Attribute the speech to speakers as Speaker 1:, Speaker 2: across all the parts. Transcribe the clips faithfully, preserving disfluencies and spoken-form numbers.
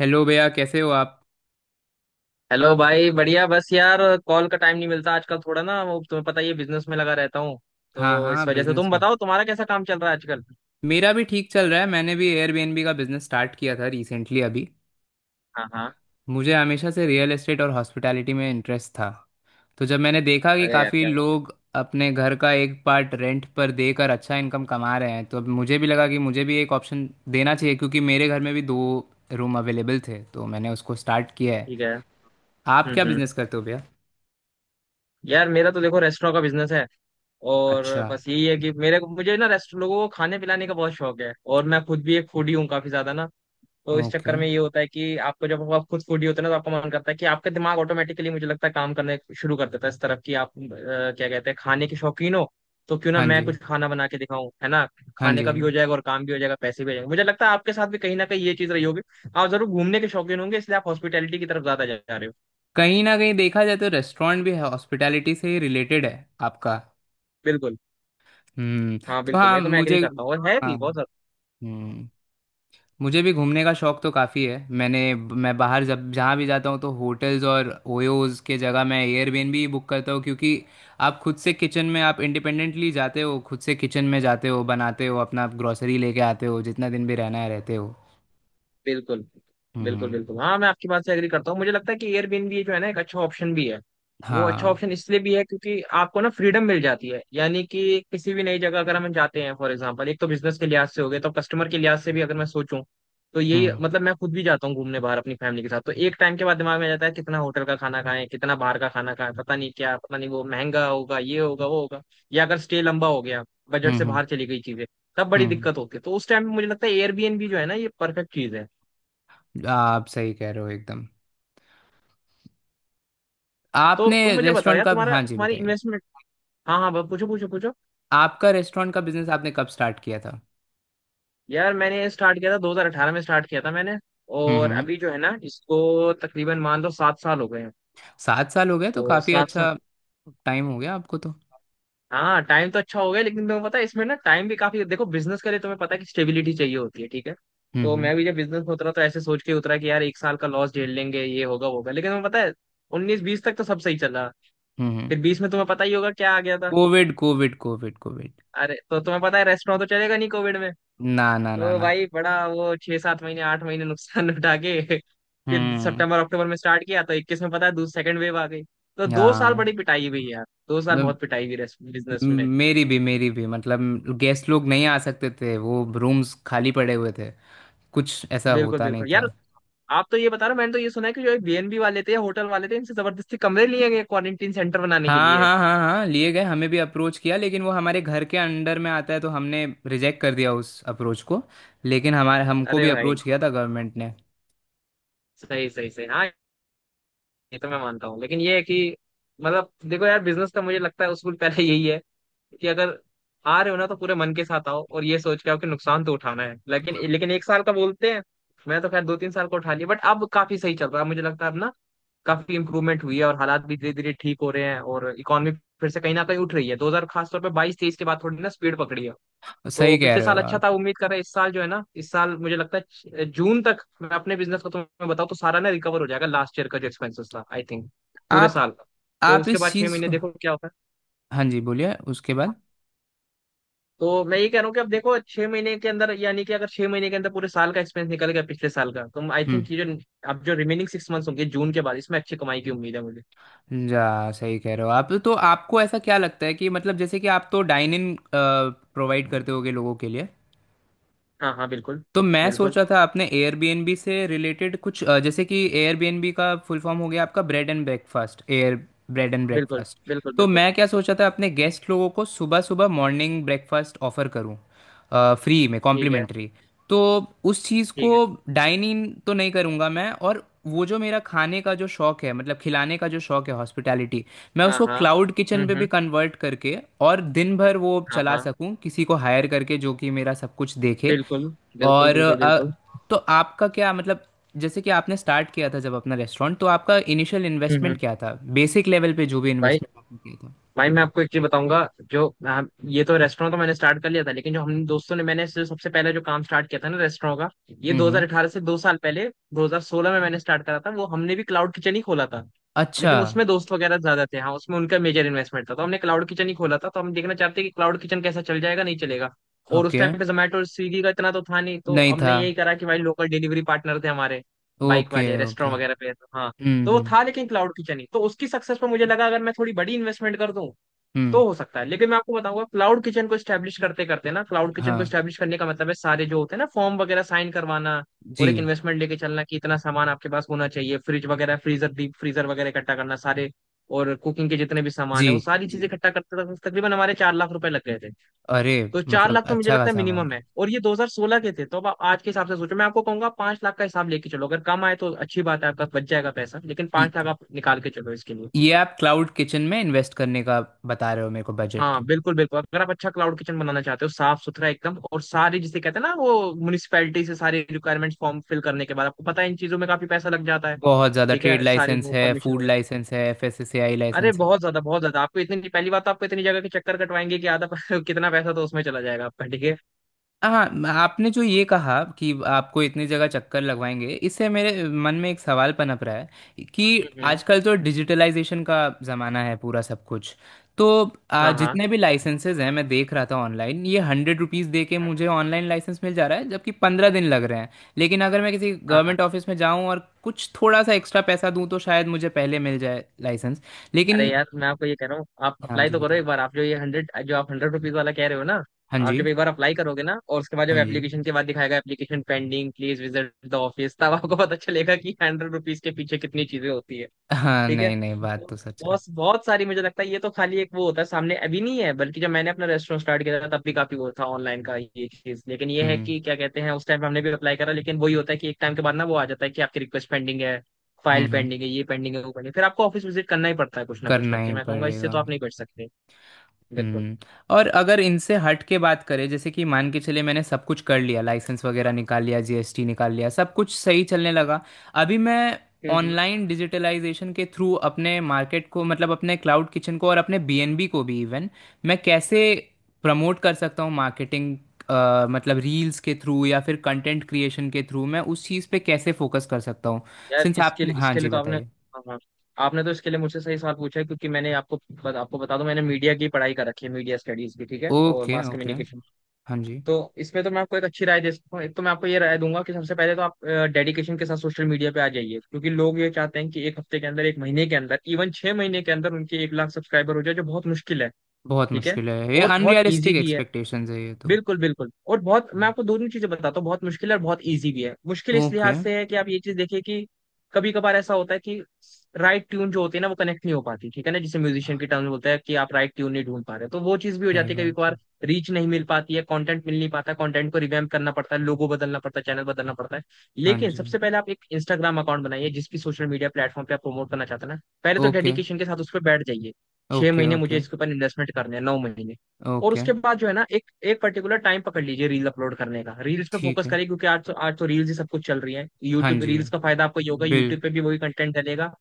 Speaker 1: Hello भैया, कैसे हो आप?
Speaker 2: हेलो भाई, बढ़िया। बस यार, कॉल का टाइम नहीं मिलता आजकल थोड़ा ना, वो तुम्हें पता ही है, बिजनेस में लगा रहता हूँ।
Speaker 1: हाँ,
Speaker 2: तो
Speaker 1: हाँ,
Speaker 2: इस वजह से
Speaker 1: बिजनेस
Speaker 2: तुम
Speaker 1: में।
Speaker 2: बताओ, तुम्हारा कैसा काम चल रहा है आजकल।
Speaker 1: मेरा भी ठीक चल रहा है। मैंने भी एयरबीएनबी का बिजनेस स्टार्ट किया था रिसेंटली अभी।
Speaker 2: हाँ हाँ।
Speaker 1: मुझे हमेशा से रियल एस्टेट और हॉस्पिटैलिटी में इंटरेस्ट था। तो जब मैंने देखा कि
Speaker 2: अरे यार,
Speaker 1: काफ़ी
Speaker 2: क्या बात है।
Speaker 1: लोग अपने घर का एक पार्ट रेंट पर देकर अच्छा इनकम कमा रहे हैं, तो अब मुझे भी लगा कि मुझे भी एक ऑप्शन देना चाहिए, क्योंकि मेरे घर में भी दो रूम अवेलेबल थे, तो मैंने उसको स्टार्ट किया है।
Speaker 2: ठीक है।
Speaker 1: आप क्या
Speaker 2: हम्म, हम्म।
Speaker 1: बिजनेस करते हो भैया?
Speaker 2: यार मेरा तो देखो रेस्टोरेंट का बिजनेस है। और
Speaker 1: अच्छा।
Speaker 2: बस यही है कि मेरे को मुझे ना रेस्ट लोगों को खाने पिलाने का बहुत शौक है और मैं खुद भी एक फूडी हूँ काफी ज्यादा ना। तो इस
Speaker 1: ओके।
Speaker 2: चक्कर में ये होता है कि आपको, जब आप खुद फूडी होते हैं ना, तो आपका मन करता है कि आपका दिमाग ऑटोमेटिकली, मुझे लगता है, काम करने शुरू कर देता है इस तरफ कि आप अ, क्या कहते हैं, खाने के शौकीन हो। तो क्यों ना
Speaker 1: हाँ जी।
Speaker 2: मैं कुछ खाना बना के दिखाऊं, है ना।
Speaker 1: हाँ
Speaker 2: खाने
Speaker 1: जी।
Speaker 2: का
Speaker 1: हाँ
Speaker 2: भी हो
Speaker 1: जी।
Speaker 2: जाएगा और काम भी हो जाएगा, पैसे भी हो जाएंगे। मुझे लगता है आपके साथ भी कहीं ना कहीं ये चीज रही होगी। आप जरूर घूमने के शौकीन होंगे, इसलिए आप हॉस्पिटैलिटी की तरफ ज्यादा जा रहे हो।
Speaker 1: कहीं ना कहीं देखा जाए तो रेस्टोरेंट भी है, हॉस्पिटैलिटी से ही रिलेटेड है आपका।
Speaker 2: बिल्कुल।
Speaker 1: हम्म।
Speaker 2: हाँ
Speaker 1: तो
Speaker 2: बिल्कुल,
Speaker 1: हाँ
Speaker 2: मैं तो मैं
Speaker 1: मुझे।
Speaker 2: एग्री करता हूँ, और है
Speaker 1: हाँ।
Speaker 2: भी बहुत ज्यादा।
Speaker 1: हम्म। मुझे भी घूमने का शौक तो काफ़ी है। मैंने मैं बाहर जब जहाँ भी जाता हूँ तो होटल्स और ओयोज के जगह मैं एयरबीएनबी ही बुक करता हूँ, क्योंकि आप खुद से किचन में, आप इंडिपेंडेंटली जाते हो, खुद से किचन में जाते हो, बनाते हो, अपना ग्रोसरी लेके आते हो, जितना दिन भी रहना है रहते हो।
Speaker 2: बिल्कुल बिल्कुल
Speaker 1: हम्म।
Speaker 2: बिल्कुल। हाँ मैं आपकी बात से एग्री करता हूँ। मुझे लगता है कि एयरबीएनबी जो है ना एक अच्छा ऑप्शन भी है। वो अच्छा
Speaker 1: हाँ।
Speaker 2: ऑप्शन इसलिए भी है क्योंकि आपको ना फ्रीडम मिल जाती है, यानी कि किसी भी नई जगह अगर हम जाते हैं, फॉर एग्जांपल, एक तो बिजनेस के लिहाज से हो गया, तो कस्टमर के लिहाज से भी अगर मैं सोचूं, तो यही,
Speaker 1: हम्म।
Speaker 2: मतलब मैं खुद भी जाता हूँ घूमने बाहर अपनी फैमिली के साथ, तो एक टाइम के बाद दिमाग में आ जाता है कितना होटल का खाना खाएं, कितना बाहर का खाना खाएं, पता नहीं क्या, पता नहीं वो महंगा होगा, ये होगा, वो होगा, या अगर स्टे लंबा हो गया, बजट
Speaker 1: हम्म।
Speaker 2: से
Speaker 1: हम्म।
Speaker 2: बाहर चली गई चीजें, तब बड़ी
Speaker 1: हम्म,
Speaker 2: दिक्कत होती है। तो उस टाइम मुझे लगता है एयरबीएनबी जो है ना ये परफेक्ट चीज है।
Speaker 1: आप सही कह रहे हो एकदम।
Speaker 2: तो
Speaker 1: आपने
Speaker 2: तुम मुझे बताओ
Speaker 1: रेस्टोरेंट
Speaker 2: यार,
Speaker 1: का
Speaker 2: तुम्हारा
Speaker 1: हाँ जी,
Speaker 2: तुम्हारी
Speaker 1: बताइए।
Speaker 2: इन्वेस्टमेंट। हाँ हाँ। ब- पूछो पूछो पूछो।
Speaker 1: आपका रेस्टोरेंट का बिजनेस आपने कब स्टार्ट किया था?
Speaker 2: यार मैंने स्टार्ट किया था, दो हज़ार अठारह में स्टार्ट किया था मैंने।
Speaker 1: हम्म।
Speaker 2: और
Speaker 1: हम्म।
Speaker 2: अभी जो है ना, इसको तकरीबन मान लो सात साल हो गए हैं।
Speaker 1: सात साल हो गए, तो
Speaker 2: तो
Speaker 1: काफी
Speaker 2: सात साल।
Speaker 1: अच्छा टाइम हो गया आपको तो।
Speaker 2: हाँ टाइम तो अच्छा हो गया, लेकिन तुम्हें पता है इसमें ना टाइम भी काफी, देखो बिजनेस के लिए तुम्हें पता है कि स्टेबिलिटी चाहिए होती है, ठीक है। तो
Speaker 1: हम्म।
Speaker 2: मैं भी जब बिजनेस में उतरा तो ऐसे सोच के उतरा कि यार एक साल का लॉस झेल लेंगे, ये होगा वो होगा, लेकिन तुम्हें पता है उन्नीस बीस तक तो सब सही चला।
Speaker 1: हम्म। हम्म।
Speaker 2: फिर बीस में तुम्हें पता ही होगा क्या आ गया था।
Speaker 1: Covid, Covid, Covid, Covid.
Speaker 2: अरे तो तुम्हें पता है रेस्टोरेंट तो चलेगा नहीं कोविड में।
Speaker 1: ना, ना, ना,
Speaker 2: तो
Speaker 1: ना।
Speaker 2: भाई, बड़ा वो, छह सात महीने आठ महीने नुकसान उठा के फिर
Speaker 1: हम्म।
Speaker 2: सितंबर अक्टूबर में स्टार्ट किया तो इक्कीस में पता है दूसरी सेकंड वेव आ गई। तो दो साल
Speaker 1: हाँ।
Speaker 2: बड़ी पिटाई हुई यार, दो साल
Speaker 1: मतलब,
Speaker 2: बहुत पिटाई हुई बिजनेस में।
Speaker 1: मेरी भी, मेरी भी, मतलब गेस्ट लोग नहीं आ सकते थे, वो रूम्स खाली पड़े हुए थे, कुछ ऐसा
Speaker 2: बिल्कुल
Speaker 1: होता नहीं
Speaker 2: बिल्कुल यार।
Speaker 1: था।
Speaker 2: आप तो ये बता रहे हो, मैंने तो ये सुना है कि जो बीएनबी वाले थे, होटल वाले थे, इनसे जबरदस्ती कमरे लिए गए क्वारंटीन सेंटर बनाने के
Speaker 1: हाँ,
Speaker 2: लिए।
Speaker 1: हाँ, हाँ, हाँ, लिए गए। हमें भी अप्रोच किया, लेकिन वो हमारे घर के अंडर में आता है, तो हमने रिजेक्ट कर दिया उस अप्रोच को। लेकिन हमारे हमको
Speaker 2: अरे
Speaker 1: भी
Speaker 2: भाई,
Speaker 1: अप्रोच किया था गवर्नमेंट ने।
Speaker 2: सही सही सही, हाँ। ये तो मैं मानता हूँ, लेकिन ये है कि, मतलब देखो यार, बिजनेस का मुझे लगता है उसूल पहले यही है कि अगर आ रहे हो ना तो पूरे मन के साथ आओ, और ये सोच के आओ कि नुकसान तो उठाना है, लेकिन लेकिन एक साल का बोलते हैं। मैं तो खैर दो तीन साल का उठा लिया, बट अब काफी सही चल रहा है, मुझे लगता है अब ना काफी इंप्रूवमेंट हुई है, और हालात भी धीरे धीरे ठीक हो रहे हैं, और इकोनॉमी फिर से कहीं ना कहीं उठ रही है, दो हजार खासतौर पर बाईस तेईस के बाद थोड़ी ना स्पीड पकड़ी है। तो
Speaker 1: सही कह
Speaker 2: पिछले
Speaker 1: रहे हो
Speaker 2: साल अच्छा
Speaker 1: आप।
Speaker 2: था, उम्मीद कर रहे हैं इस साल जो है ना, इस साल मुझे लगता है छ- जून तक मैं अपने बिजनेस को तुम्हें बताऊँ तो सारा ना रिकवर हो जाएगा, लास्ट ईयर का जो एक्सपेंसेस था, आई थिंक पूरे
Speaker 1: आप
Speaker 2: साल का। तो
Speaker 1: आप
Speaker 2: उसके
Speaker 1: इस
Speaker 2: बाद छह
Speaker 1: चीज़
Speaker 2: महीने
Speaker 1: को।
Speaker 2: देखो क्या होता है।
Speaker 1: हाँ जी, बोलिए उसके बाद।
Speaker 2: तो मैं ये कह रहा हूँ कि अब देखो छह महीने के अंदर, यानी कि अगर छह महीने के अंदर पूरे साल का एक्सपेंस निकल गया पिछले साल का, तो आई
Speaker 1: हम्म।
Speaker 2: थिंक ये जो अब जो रिमेनिंग सिक्स मंथ्स होंगे जून के बाद इसमें अच्छी कमाई की उम्मीद है मुझे।
Speaker 1: जा सही कह रहे हो आप तो। आपको ऐसा क्या लगता है कि मतलब, जैसे कि आप तो डाइन इन प्रोवाइड करते होगे लोगों के लिए?
Speaker 2: हाँ हाँ। बिल्कुल
Speaker 1: तो मैं सोच
Speaker 2: बिल्कुल
Speaker 1: रहा था आपने एयरबीएनबी से रिलेटेड कुछ अ, जैसे कि एयरबीएनबी का फुल फॉर्म हो गया आपका bread and breakfast, air bread and
Speaker 2: बिल्कुल
Speaker 1: ब्रेकफास्ट।
Speaker 2: बिल्कुल
Speaker 1: तो
Speaker 2: बिल्कुल।
Speaker 1: मैं क्या सोच रहा था अपने गेस्ट लोगों को सुबह सुबह मॉर्निंग ब्रेकफास्ट ऑफर करूं, फ्री में,
Speaker 2: ठीक है।
Speaker 1: कॉम्प्लीमेंट्री। तो उस चीज़ को
Speaker 2: ठीक है।
Speaker 1: डाइन इन तो नहीं करूंगा मैं, और वो जो मेरा खाने का जो शौक है, मतलब खिलाने का जो शौक है, हॉस्पिटैलिटी, मैं
Speaker 2: हाँ
Speaker 1: उसको
Speaker 2: हाँ।
Speaker 1: क्लाउड किचन पे
Speaker 2: हम्म,
Speaker 1: भी
Speaker 2: हम्म।
Speaker 1: कन्वर्ट करके और दिन भर वो
Speaker 2: हाँ
Speaker 1: चला
Speaker 2: हाँ।
Speaker 1: सकूं, किसी को हायर करके जो कि मेरा सब कुछ देखे।
Speaker 2: बिल्कुल बिल्कुल
Speaker 1: और
Speaker 2: बिल्कुल
Speaker 1: अ,
Speaker 2: बिल्कुल।
Speaker 1: तो आपका क्या मतलब, जैसे कि आपने स्टार्ट किया था जब अपना रेस्टोरेंट, तो आपका इनिशियल
Speaker 2: हम्म,
Speaker 1: इन्वेस्टमेंट
Speaker 2: हम्म।
Speaker 1: क्या था? बेसिक लेवल पे जो भी
Speaker 2: भाई,
Speaker 1: इन्वेस्टमेंट आपने किया था।
Speaker 2: भाई मैं आपको एक चीज बताऊंगा। जो हाँ, ये तो रेस्टोरेंट तो मैंने स्टार्ट कर लिया था, लेकिन जो हम दोस्तों ने, मैंने जो सबसे पहले जो काम स्टार्ट किया था ना रेस्टोरेंट का, ये
Speaker 1: हम्म हम्म।
Speaker 2: दो हज़ार अठारह से दो साल पहले दो हज़ार सोलह में मैंने स्टार्ट करा था, वो हमने भी क्लाउड किचन ही खोला था।
Speaker 1: अच्छा।
Speaker 2: लेकिन उसमें दोस्त वगैरह ज्यादा थे, हाँ उसमें उनका मेजर इन्वेस्टमेंट था, तो हमने क्लाउड किचन ही खोला था। तो हम देखना चाहते हैं कि क्लाउड किचन कैसा चल जाएगा, नहीं चलेगा। और उस
Speaker 1: ओके।
Speaker 2: टाइम पे जोमेटो और स्विगी का इतना तो था नहीं, तो
Speaker 1: नहीं
Speaker 2: हमने
Speaker 1: था।
Speaker 2: यही करा कि भाई लोकल डिलीवरी पार्टनर थे हमारे, बाइक
Speaker 1: ओके,
Speaker 2: वाले
Speaker 1: ओके।
Speaker 2: रेस्टोरेंट वगैरह पे, तो हाँ,
Speaker 1: हम्म
Speaker 2: तो वो
Speaker 1: हम्म।
Speaker 2: था। लेकिन क्लाउड किचन ही, तो उसकी सक्सेस पर मुझे लगा अगर मैं थोड़ी बड़ी इन्वेस्टमेंट कर दूं
Speaker 1: हम्म।
Speaker 2: तो हो सकता है। लेकिन मैं आपको बताऊंगा, क्लाउड किचन को स्टैब्लिश करते करते ना, क्लाउड किचन को
Speaker 1: हाँ।
Speaker 2: स्टैब्लिश करने का मतलब है सारे जो होते हैं ना फॉर्म वगैरह साइन करवाना, और एक
Speaker 1: जी,
Speaker 2: इन्वेस्टमेंट लेके चलना कि इतना सामान आपके पास होना चाहिए, फ्रिज वगैरह फ्रीजर डीप फ्रीजर वगैरह इकट्ठा करना सारे। और कुकिंग के जितने भी सामान
Speaker 1: जी,
Speaker 2: है वो सारी चीजें
Speaker 1: जी।
Speaker 2: इकट्ठा करते तक तकरीबन हमारे चार लाख रुपए लग गए थे।
Speaker 1: अरे,
Speaker 2: तो चार
Speaker 1: मतलब
Speaker 2: लाख तो मुझे
Speaker 1: अच्छा
Speaker 2: लगता है
Speaker 1: खासा
Speaker 2: मिनिमम
Speaker 1: अमाउंट,
Speaker 2: है, और ये दो हज़ार सोलह के थे। तो अब आप आज के हिसाब से सोचो, मैं आपको कहूंगा पांच लाख का हिसाब लेके चलो, अगर कम आए तो अच्छी बात है, आपका बच जाएगा पैसा, लेकिन
Speaker 1: ये
Speaker 2: पांच लाख आप निकाल के चलो इसके लिए।
Speaker 1: ये आप क्लाउड किचन में इन्वेस्ट करने का बता रहे हो मेरे को बजट।
Speaker 2: हाँ बिल्कुल बिल्कुल, अगर आप अच्छा क्लाउड किचन बनाना चाहते हो साफ सुथरा एकदम, और सारे जिसे कहते हैं ना वो म्यूनिसिपैलिटी से सारे रिक्वायरमेंट्स फॉर्म फिल करने के बाद आपको पता है इन चीजों में काफी पैसा लग जाता है।
Speaker 1: बहुत ज़्यादा।
Speaker 2: ठीक
Speaker 1: ट्रेड
Speaker 2: है, सारी
Speaker 1: लाइसेंस
Speaker 2: वो
Speaker 1: है,
Speaker 2: परमिशन
Speaker 1: फूड
Speaker 2: वगैरह।
Speaker 1: लाइसेंस है, एफ एस सी आई
Speaker 2: अरे
Speaker 1: लाइसेंस है।
Speaker 2: बहुत ज्यादा, बहुत ज्यादा। आपको इतनी, पहली बात तो आपको इतनी जगह के चक्कर कटवाएंगे कि आधा कितना पैसा तो उसमें चला जाएगा आपका, ठीक है।
Speaker 1: हाँ, म- आपने जो ये कहा कि आपको इतनी जगह चक्कर लगवाएंगे, इससे मेरे मन में एक सवाल पनप रहा है कि
Speaker 2: हम्म, हम्म।
Speaker 1: आजकल तो डिजिटलाइजेशन का ज़माना है पूरा, सब कुछ। तो आ,
Speaker 2: हाँ हाँ
Speaker 1: जितने भी लाइसेंसेज हैं, मैं देख रहा था ऑनलाइन ये हंड्रेड रुपीज़ दे के
Speaker 2: हाँ
Speaker 1: मुझे ऑनलाइन लाइसेंस मिल जा रहा है, जबकि पंद्रह दिन लग रहे हैं। लेकिन अगर मैं किसी
Speaker 2: हाँ।
Speaker 1: गवर्नमेंट ऑफिस में जाऊं और कुछ थोड़ा सा एक्स्ट्रा पैसा दूं, तो शायद मुझे पहले मिल जाए लाइसेंस।
Speaker 2: अरे
Speaker 1: लेकिन
Speaker 2: यार मैं आपको ये कह रहा हूँ, आप
Speaker 1: हाँ
Speaker 2: अप्लाई
Speaker 1: जी,
Speaker 2: तो करो
Speaker 1: बताइए।
Speaker 2: एक बार। आप जो ये हंड्रेड, जो आप हंड्रेड रुपीज वाला कह रहे हो ना,
Speaker 1: हाँ
Speaker 2: आप
Speaker 1: जी।
Speaker 2: जब एक बार अप्लाई करोगे ना, और उसके बाद जब
Speaker 1: हाँ जी।
Speaker 2: एप्लीकेशन के बाद दिखाएगा application pending please visit the office, तब आपको पता चलेगा कि हंड्रेड रुपीज के पीछे कितनी चीजें होती है।
Speaker 1: हाँ,
Speaker 2: ठीक है।
Speaker 1: नहीं, नहीं, बात तो
Speaker 2: तो
Speaker 1: सच है।
Speaker 2: बहुत बहुत सारी, मुझे लगता है ये तो खाली एक वो होता है सामने अभी नहीं है, बल्कि जब मैंने अपना रेस्टोरेंट स्टार्ट किया था तब भी काफी वो था ऑनलाइन का ये चीज, लेकिन ये है
Speaker 1: हम्म।
Speaker 2: कि क्या कहते हैं उस टाइम पे हमने भी अप्लाई करा, लेकिन वही होता है कि एक टाइम के बाद ना वो आ जाता है कि आपकी रिक्वेस्ट पेंडिंग है,
Speaker 1: हम्म।
Speaker 2: फाइल
Speaker 1: हम्म।
Speaker 2: पेंडिंग है, ये पेंडिंग है, वो पेंडिंग, फिर आपको ऑफिस विजिट करना ही पड़ता है, कुछ ना कुछ
Speaker 1: करना
Speaker 2: करके।
Speaker 1: ही
Speaker 2: मैं कहूंगा इससे
Speaker 1: पड़ेगा।
Speaker 2: तो आप नहीं बच सकते। बिल्कुल।
Speaker 1: हम्म। और अगर इनसे हट के बात करें, जैसे कि मान के चले मैंने सब कुछ कर लिया, लाइसेंस वगैरह निकाल लिया, जी एस टी निकाल लिया, सब कुछ सही चलने लगा। अभी मैं
Speaker 2: हम्म, हम्म।
Speaker 1: ऑनलाइन डिजिटलाइजेशन के थ्रू अपने मार्केट को, मतलब अपने क्लाउड किचन को और अपने बी एन बी को भी, इवन, मैं कैसे प्रमोट कर सकता हूँ? मार्केटिंग मतलब रील्स के थ्रू या फिर कंटेंट क्रिएशन के थ्रू मैं उस चीज़ पे कैसे फोकस कर सकता हूँ?
Speaker 2: यार
Speaker 1: सिंस आप
Speaker 2: इसके लिए
Speaker 1: हाँ
Speaker 2: इसके लिए
Speaker 1: जी,
Speaker 2: तो आपने,
Speaker 1: बताइए।
Speaker 2: हाँ हाँ, आपने तो इसके लिए मुझसे सही सवाल पूछा है क्योंकि मैंने आपको आपको बता दूं, मैंने मीडिया की पढ़ाई कर रखी है, मीडिया स्टडीज की, ठीक है, और
Speaker 1: ओके,
Speaker 2: मास
Speaker 1: ओके।
Speaker 2: कम्युनिकेशन।
Speaker 1: हाँ जी।
Speaker 2: तो इसमें तो मैं आपको एक अच्छी राय दे सकता हूँ। एक तो मैं आपको ये राय दूंगा कि सबसे पहले तो आप डेडिकेशन के साथ सोशल मीडिया पे आ जाइए, क्योंकि लोग ये चाहते हैं कि एक हफ्ते के अंदर, एक महीने के अंदर, इवन छह महीने के अंदर उनके एक लाख सब्सक्राइबर हो जाए, जो बहुत मुश्किल है।
Speaker 1: बहुत
Speaker 2: ठीक है,
Speaker 1: मुश्किल है, ये
Speaker 2: और बहुत ईजी
Speaker 1: अनरियलिस्टिक
Speaker 2: भी है।
Speaker 1: एक्सपेक्टेशंस है ये तो।
Speaker 2: बिल्कुल बिल्कुल, और बहुत, मैं आपको दोनों चीजें बताता हूँ, बहुत मुश्किल है और बहुत इजी भी है। मुश्किल इस
Speaker 1: ओके।
Speaker 2: लिहाज से है कि आप ये चीज देखिए कि कभी कभार ऐसा होता है कि राइट ट्यून जो होती है ना वो कनेक्ट नहीं हो पाती, ठीक है ना, जिसे म्यूजिशियन की टर्म में बोलते हैं कि आप राइट ट्यून नहीं ढूंढ पा रहे, तो वो चीज भी हो
Speaker 1: सही
Speaker 2: जाती है कभी
Speaker 1: बात है।
Speaker 2: कभार। रीच नहीं मिल पाती है, कंटेंट मिल नहीं पाता, कंटेंट को रिवैम्प करना पड़ता है, लोगो बदलना पड़ता है, चैनल बदलना पड़ता है।
Speaker 1: हाँ
Speaker 2: लेकिन
Speaker 1: जी।
Speaker 2: सबसे पहले आप एक इंस्टाग्राम अकाउंट बनाइए, जिस भी सोशल मीडिया प्लेटफॉर्म पे आप प्रमोट करना चाहते हैं ना, पहले तो
Speaker 1: ओके,
Speaker 2: डेडिकेशन के साथ उस पर बैठ जाइए। छह
Speaker 1: ओके।
Speaker 2: महीने मुझे
Speaker 1: ओके,
Speaker 2: इसके ऊपर इन्वेस्टमेंट करने हैं, नौ महीने। और
Speaker 1: ओके।
Speaker 2: उसके बाद जो है ना, एक एक पर्टिकुलर टाइम पकड़ लीजिए रील अपलोड करने का। रील्स पे
Speaker 1: ठीक
Speaker 2: फोकस
Speaker 1: है।
Speaker 2: करिए, क्योंकि आज तो आज तो रील्स ही सब कुछ चल रही है।
Speaker 1: हाँ
Speaker 2: यूट्यूब
Speaker 1: जी।
Speaker 2: रील्स का फायदा आपको ये होगा, यूट्यूब
Speaker 1: बिल
Speaker 2: पे भी वही कंटेंट डलेगा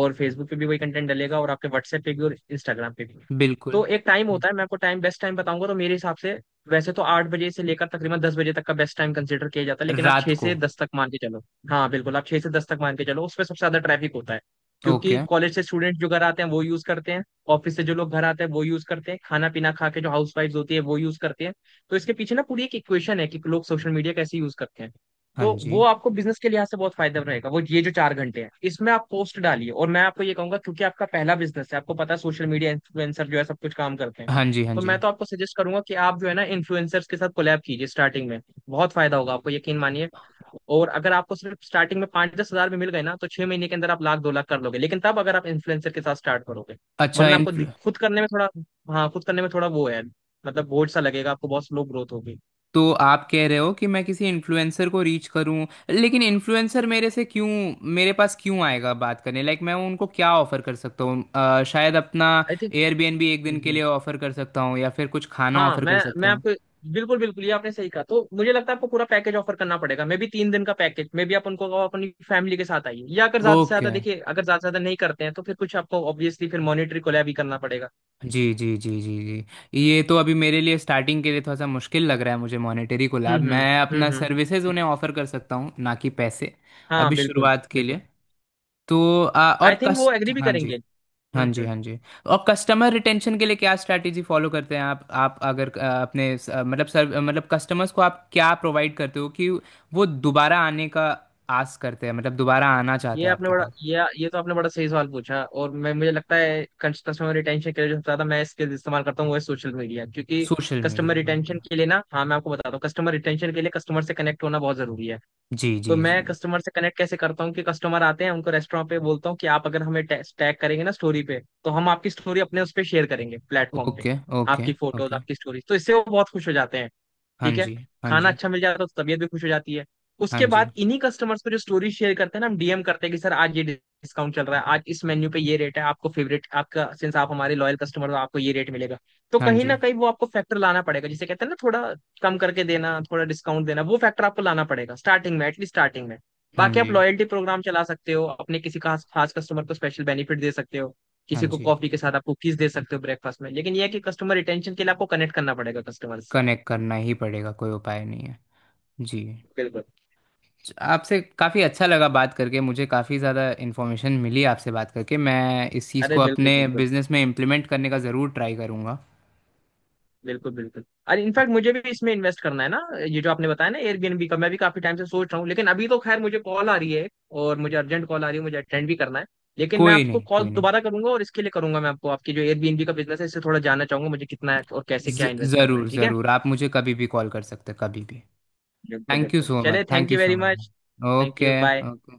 Speaker 2: और फेसबुक पे भी वही कंटेंट डलेगा और आपके व्हाट्सएप पे भी और इंस्टाग्राम पे भी।
Speaker 1: बिल्कुल
Speaker 2: तो एक टाइम होता है, मैं आपको टाइम बेस्ट टाइम बताऊंगा। तो मेरे हिसाब से वैसे तो आठ बजे से लेकर तकरीबन दस बजे तक का बेस्ट टाइम कंसिडर किया जाता है, लेकिन आप
Speaker 1: रात
Speaker 2: छह
Speaker 1: को।
Speaker 2: से दस तक मान के चलो। हाँ बिल्कुल, आप छह से दस तक मान के चलो, उसमें सबसे ज्यादा ट्रैफिक होता है। क्योंकि
Speaker 1: ओके।
Speaker 2: कॉलेज से स्टूडेंट जो घर आते हैं वो यूज करते हैं, ऑफिस से जो लोग घर आते हैं वो यूज करते हैं, खाना पीना खा के जो हाउस वाइफ होती है वो यूज करते हैं। तो इसके पीछे ना पूरी एक इक्वेशन है कि लोग सोशल मीडिया कैसे यूज करते हैं।
Speaker 1: हाँ
Speaker 2: तो
Speaker 1: जी।
Speaker 2: वो आपको बिजनेस के लिहाज से बहुत फायदा रहेगा। वो ये जो चार घंटे हैं, इसमें आप पोस्ट डालिए। और मैं आपको ये कहूंगा, क्योंकि आपका पहला बिजनेस है, आपको पता है सोशल मीडिया इन्फ्लुएंसर जो है सब कुछ काम करते हैं।
Speaker 1: हाँ जी। हाँ
Speaker 2: तो
Speaker 1: जी।
Speaker 2: मैं तो आपको सजेस्ट करूंगा कि आप जो है ना इन्फ्लुएंसर्स के साथ कोलैब कीजिए स्टार्टिंग में। बहुत फायदा होगा आपको, यकीन मानिए। और अगर आपको सिर्फ स्टार्टिंग में पांच दस हजार भी मिल गए ना, तो छह महीने के अंदर आप लाख दो लाख कर लोगे, लेकिन तब, अगर आप इन्फ्लुएंसर के साथ स्टार्ट करो।
Speaker 1: अच्छा।
Speaker 2: वरना
Speaker 1: इन
Speaker 2: आपको दिक- खुद करने में थोड़ा, हाँ, खुद करने में थोड़ा वो है, मतलब बोझ सा लगेगा आपको, बहुत स्लो ग्रोथ होगी।
Speaker 1: तो आप कह रहे हो कि मैं किसी इन्फ्लुएंसर को रीच करूं, लेकिन इन्फ्लुएंसर मेरे से क्यों, मेरे पास क्यों आएगा बात करने? लाइक मैं उनको क्या ऑफर कर सकता हूँ? अ, शायद अपना
Speaker 2: आई
Speaker 1: एयरबीएनबी एक दिन के लिए
Speaker 2: थिंक।
Speaker 1: ऑफर कर सकता हूँ या फिर कुछ खाना
Speaker 2: हाँ,
Speaker 1: ऑफर कर
Speaker 2: मैं
Speaker 1: सकता
Speaker 2: मैं
Speaker 1: हूँ।
Speaker 2: आपको, बिल्कुल बिल्कुल, ये आपने सही कहा। तो मुझे लगता है आपको पूरा पैकेज ऑफर करना पड़ेगा। मे भी तीन दिन का पैकेज, मे भी आप उनको कहो अपनी फैमिली के साथ आइए। या अगर ज्यादा से
Speaker 1: ओके।
Speaker 2: ज्यादा देखिए, अगर ज्यादा से ज्यादा नहीं करते हैं तो फिर कुछ आपको ऑब्वियसली फिर मॉनिटरी कोलैब भी करना पड़ेगा।
Speaker 1: जी, जी, जी, जी, जी, ये तो अभी मेरे लिए स्टार्टिंग के लिए थोड़ा सा मुश्किल लग रहा है। मुझे मॉनेटरी कोलैब,
Speaker 2: हम्म हम्म।
Speaker 1: मैं अपना
Speaker 2: हम्म
Speaker 1: सर्विसेज
Speaker 2: हम्म।
Speaker 1: उन्हें ऑफर कर सकता हूँ, ना कि पैसे,
Speaker 2: हाँ,
Speaker 1: अभी
Speaker 2: बिल्कुल
Speaker 1: शुरुआत के
Speaker 2: बिल्कुल।
Speaker 1: लिए। तो अ,
Speaker 2: आई
Speaker 1: और
Speaker 2: थिंक वो
Speaker 1: कस्ट
Speaker 2: एग्री भी
Speaker 1: हाँ जी।
Speaker 2: करेंगे।
Speaker 1: हाँ
Speaker 2: हम्म
Speaker 1: जी। हाँ
Speaker 2: हम्म।
Speaker 1: जी। और कस्टमर रिटेंशन के लिए क्या स्ट्रैटेजी फॉलो करते हैं आप? आप अगर अ, अपने स- अ, मतलब सर, मतलब कस्टमर्स को आप क्या प्रोवाइड करते हो कि वो दोबारा आने का आस करते हैं, मतलब दोबारा आना चाहते
Speaker 2: ये
Speaker 1: हैं
Speaker 2: आपने
Speaker 1: आपके
Speaker 2: बड़ा
Speaker 1: पास?
Speaker 2: ये ये तो आपने बड़ा सही सवाल पूछा। और मैं, मुझे लगता है, कस्टमर रिटेंशन के लिए जो सबसे ज्यादा मैं इसके इस्तेमाल करता हूँ वो है सोशल मीडिया। क्योंकि
Speaker 1: सोशल
Speaker 2: कस्टमर
Speaker 1: मीडिया
Speaker 2: रिटेंशन
Speaker 1: उनका।
Speaker 2: के लिए ना, हाँ मैं आपको बताता हूँ, कस्टमर रिटेंशन के लिए कस्टमर से कनेक्ट होना बहुत जरूरी है।
Speaker 1: जी, जी।
Speaker 2: तो मैं कस्टमर से कनेक्ट कैसे करता हूँ कि कस्टमर आते हैं उनको रेस्टोरेंट पे बोलता हूँ कि आप अगर हमें टैग करेंगे ना स्टोरी पे, तो हम आपकी स्टोरी अपने उस पे शेयर करेंगे, प्लेटफॉर्म पे।
Speaker 1: ओके, ओके,
Speaker 2: आपकी फोटोज,
Speaker 1: ओके।
Speaker 2: आपकी स्टोरी, तो इससे वो बहुत खुश हो जाते हैं।
Speaker 1: हाँ
Speaker 2: ठीक है।
Speaker 1: जी। हाँ
Speaker 2: खाना
Speaker 1: जी।
Speaker 2: अच्छा मिल जाता है तो तबीयत भी खुश हो जाती है।
Speaker 1: हाँ
Speaker 2: उसके
Speaker 1: जी।
Speaker 2: बाद इन्हीं कस्टमर्स को, जो स्टोरी शेयर करते हैं ना, हम डी एम करते हैं कि सर आज ये डिस्काउंट चल रहा है, आज इस मेन्यू पे ये रेट है, आपको फेवरेट आपका, सिंस आप हमारे लॉयल कस्टमर हो आपको ये रेट मिलेगा। तो
Speaker 1: हाँ
Speaker 2: कहीं
Speaker 1: जी।
Speaker 2: ना कहीं वो आपको फैक्टर लाना पड़ेगा, जिसे कहते हैं ना, थोड़ा कम करके देना, थोड़ा डिस्काउंट देना। वो फैक्टर आपको लाना पड़ेगा स्टार्टिंग में, एटलीस्ट स्टार्टिंग में।
Speaker 1: हाँ
Speaker 2: बाकी आप
Speaker 1: जी।
Speaker 2: लॉयल्टी प्रोग्राम चला सकते हो, अपने किसी खास खास कस्टमर को स्पेशल बेनिफिट दे सकते हो,
Speaker 1: हाँ
Speaker 2: किसी को
Speaker 1: जी।
Speaker 2: कॉफी के साथ आप कुकीज दे सकते हो ब्रेकफास्ट में। लेकिन यह है कि कस्टमर रिटेंशन के लिए आपको कनेक्ट करना पड़ेगा कस्टमर से।
Speaker 1: कनेक्ट करना ही पड़ेगा, कोई उपाय नहीं है। जी।
Speaker 2: बिल्कुल।
Speaker 1: आपसे काफ़ी अच्छा लगा बात करके, मुझे काफ़ी ज़्यादा इन्फॉर्मेशन मिली आपसे बात करके। मैं इस चीज़
Speaker 2: अरे
Speaker 1: को
Speaker 2: बिल्कुल
Speaker 1: अपने
Speaker 2: बिल्कुल,
Speaker 1: बिजनेस में इम्प्लीमेंट करने का ज़रूर ट्राई करूँगा।
Speaker 2: बिल्कुल बिल्कुल। अरे इनफैक्ट मुझे भी इसमें इन्वेस्ट करना है ना। ये जो आपने बताया ना एयरबीएनबी का, मैं भी काफी टाइम से सोच रहा हूँ। लेकिन अभी तो खैर मुझे कॉल आ रही है, और मुझे अर्जेंट कॉल आ रही है, मुझे अटेंड भी करना है। लेकिन मैं
Speaker 1: कोई
Speaker 2: आपको
Speaker 1: नहीं,
Speaker 2: कॉल
Speaker 1: कोई नहीं।
Speaker 2: दोबारा करूंगा, और इसके लिए करूंगा। मैं आपको, आपकी जो एयरबीएनबी का बिजनेस है, इससे थोड़ा जानना चाहूंगा, मुझे कितना है और कैसे क्या
Speaker 1: ज-
Speaker 2: इन्वेस्ट करना है।
Speaker 1: ज़रूर
Speaker 2: ठीक है,
Speaker 1: ज़रूर। आप मुझे कभी भी कॉल कर सकते हैं, कभी भी।
Speaker 2: बिल्कुल
Speaker 1: थैंक यू
Speaker 2: बिल्कुल।
Speaker 1: So much.
Speaker 2: चले,
Speaker 1: thank
Speaker 2: thank
Speaker 1: you
Speaker 2: you
Speaker 1: so
Speaker 2: very
Speaker 1: much.
Speaker 2: Much. Thank you
Speaker 1: okay.
Speaker 2: Bye.
Speaker 1: Okay.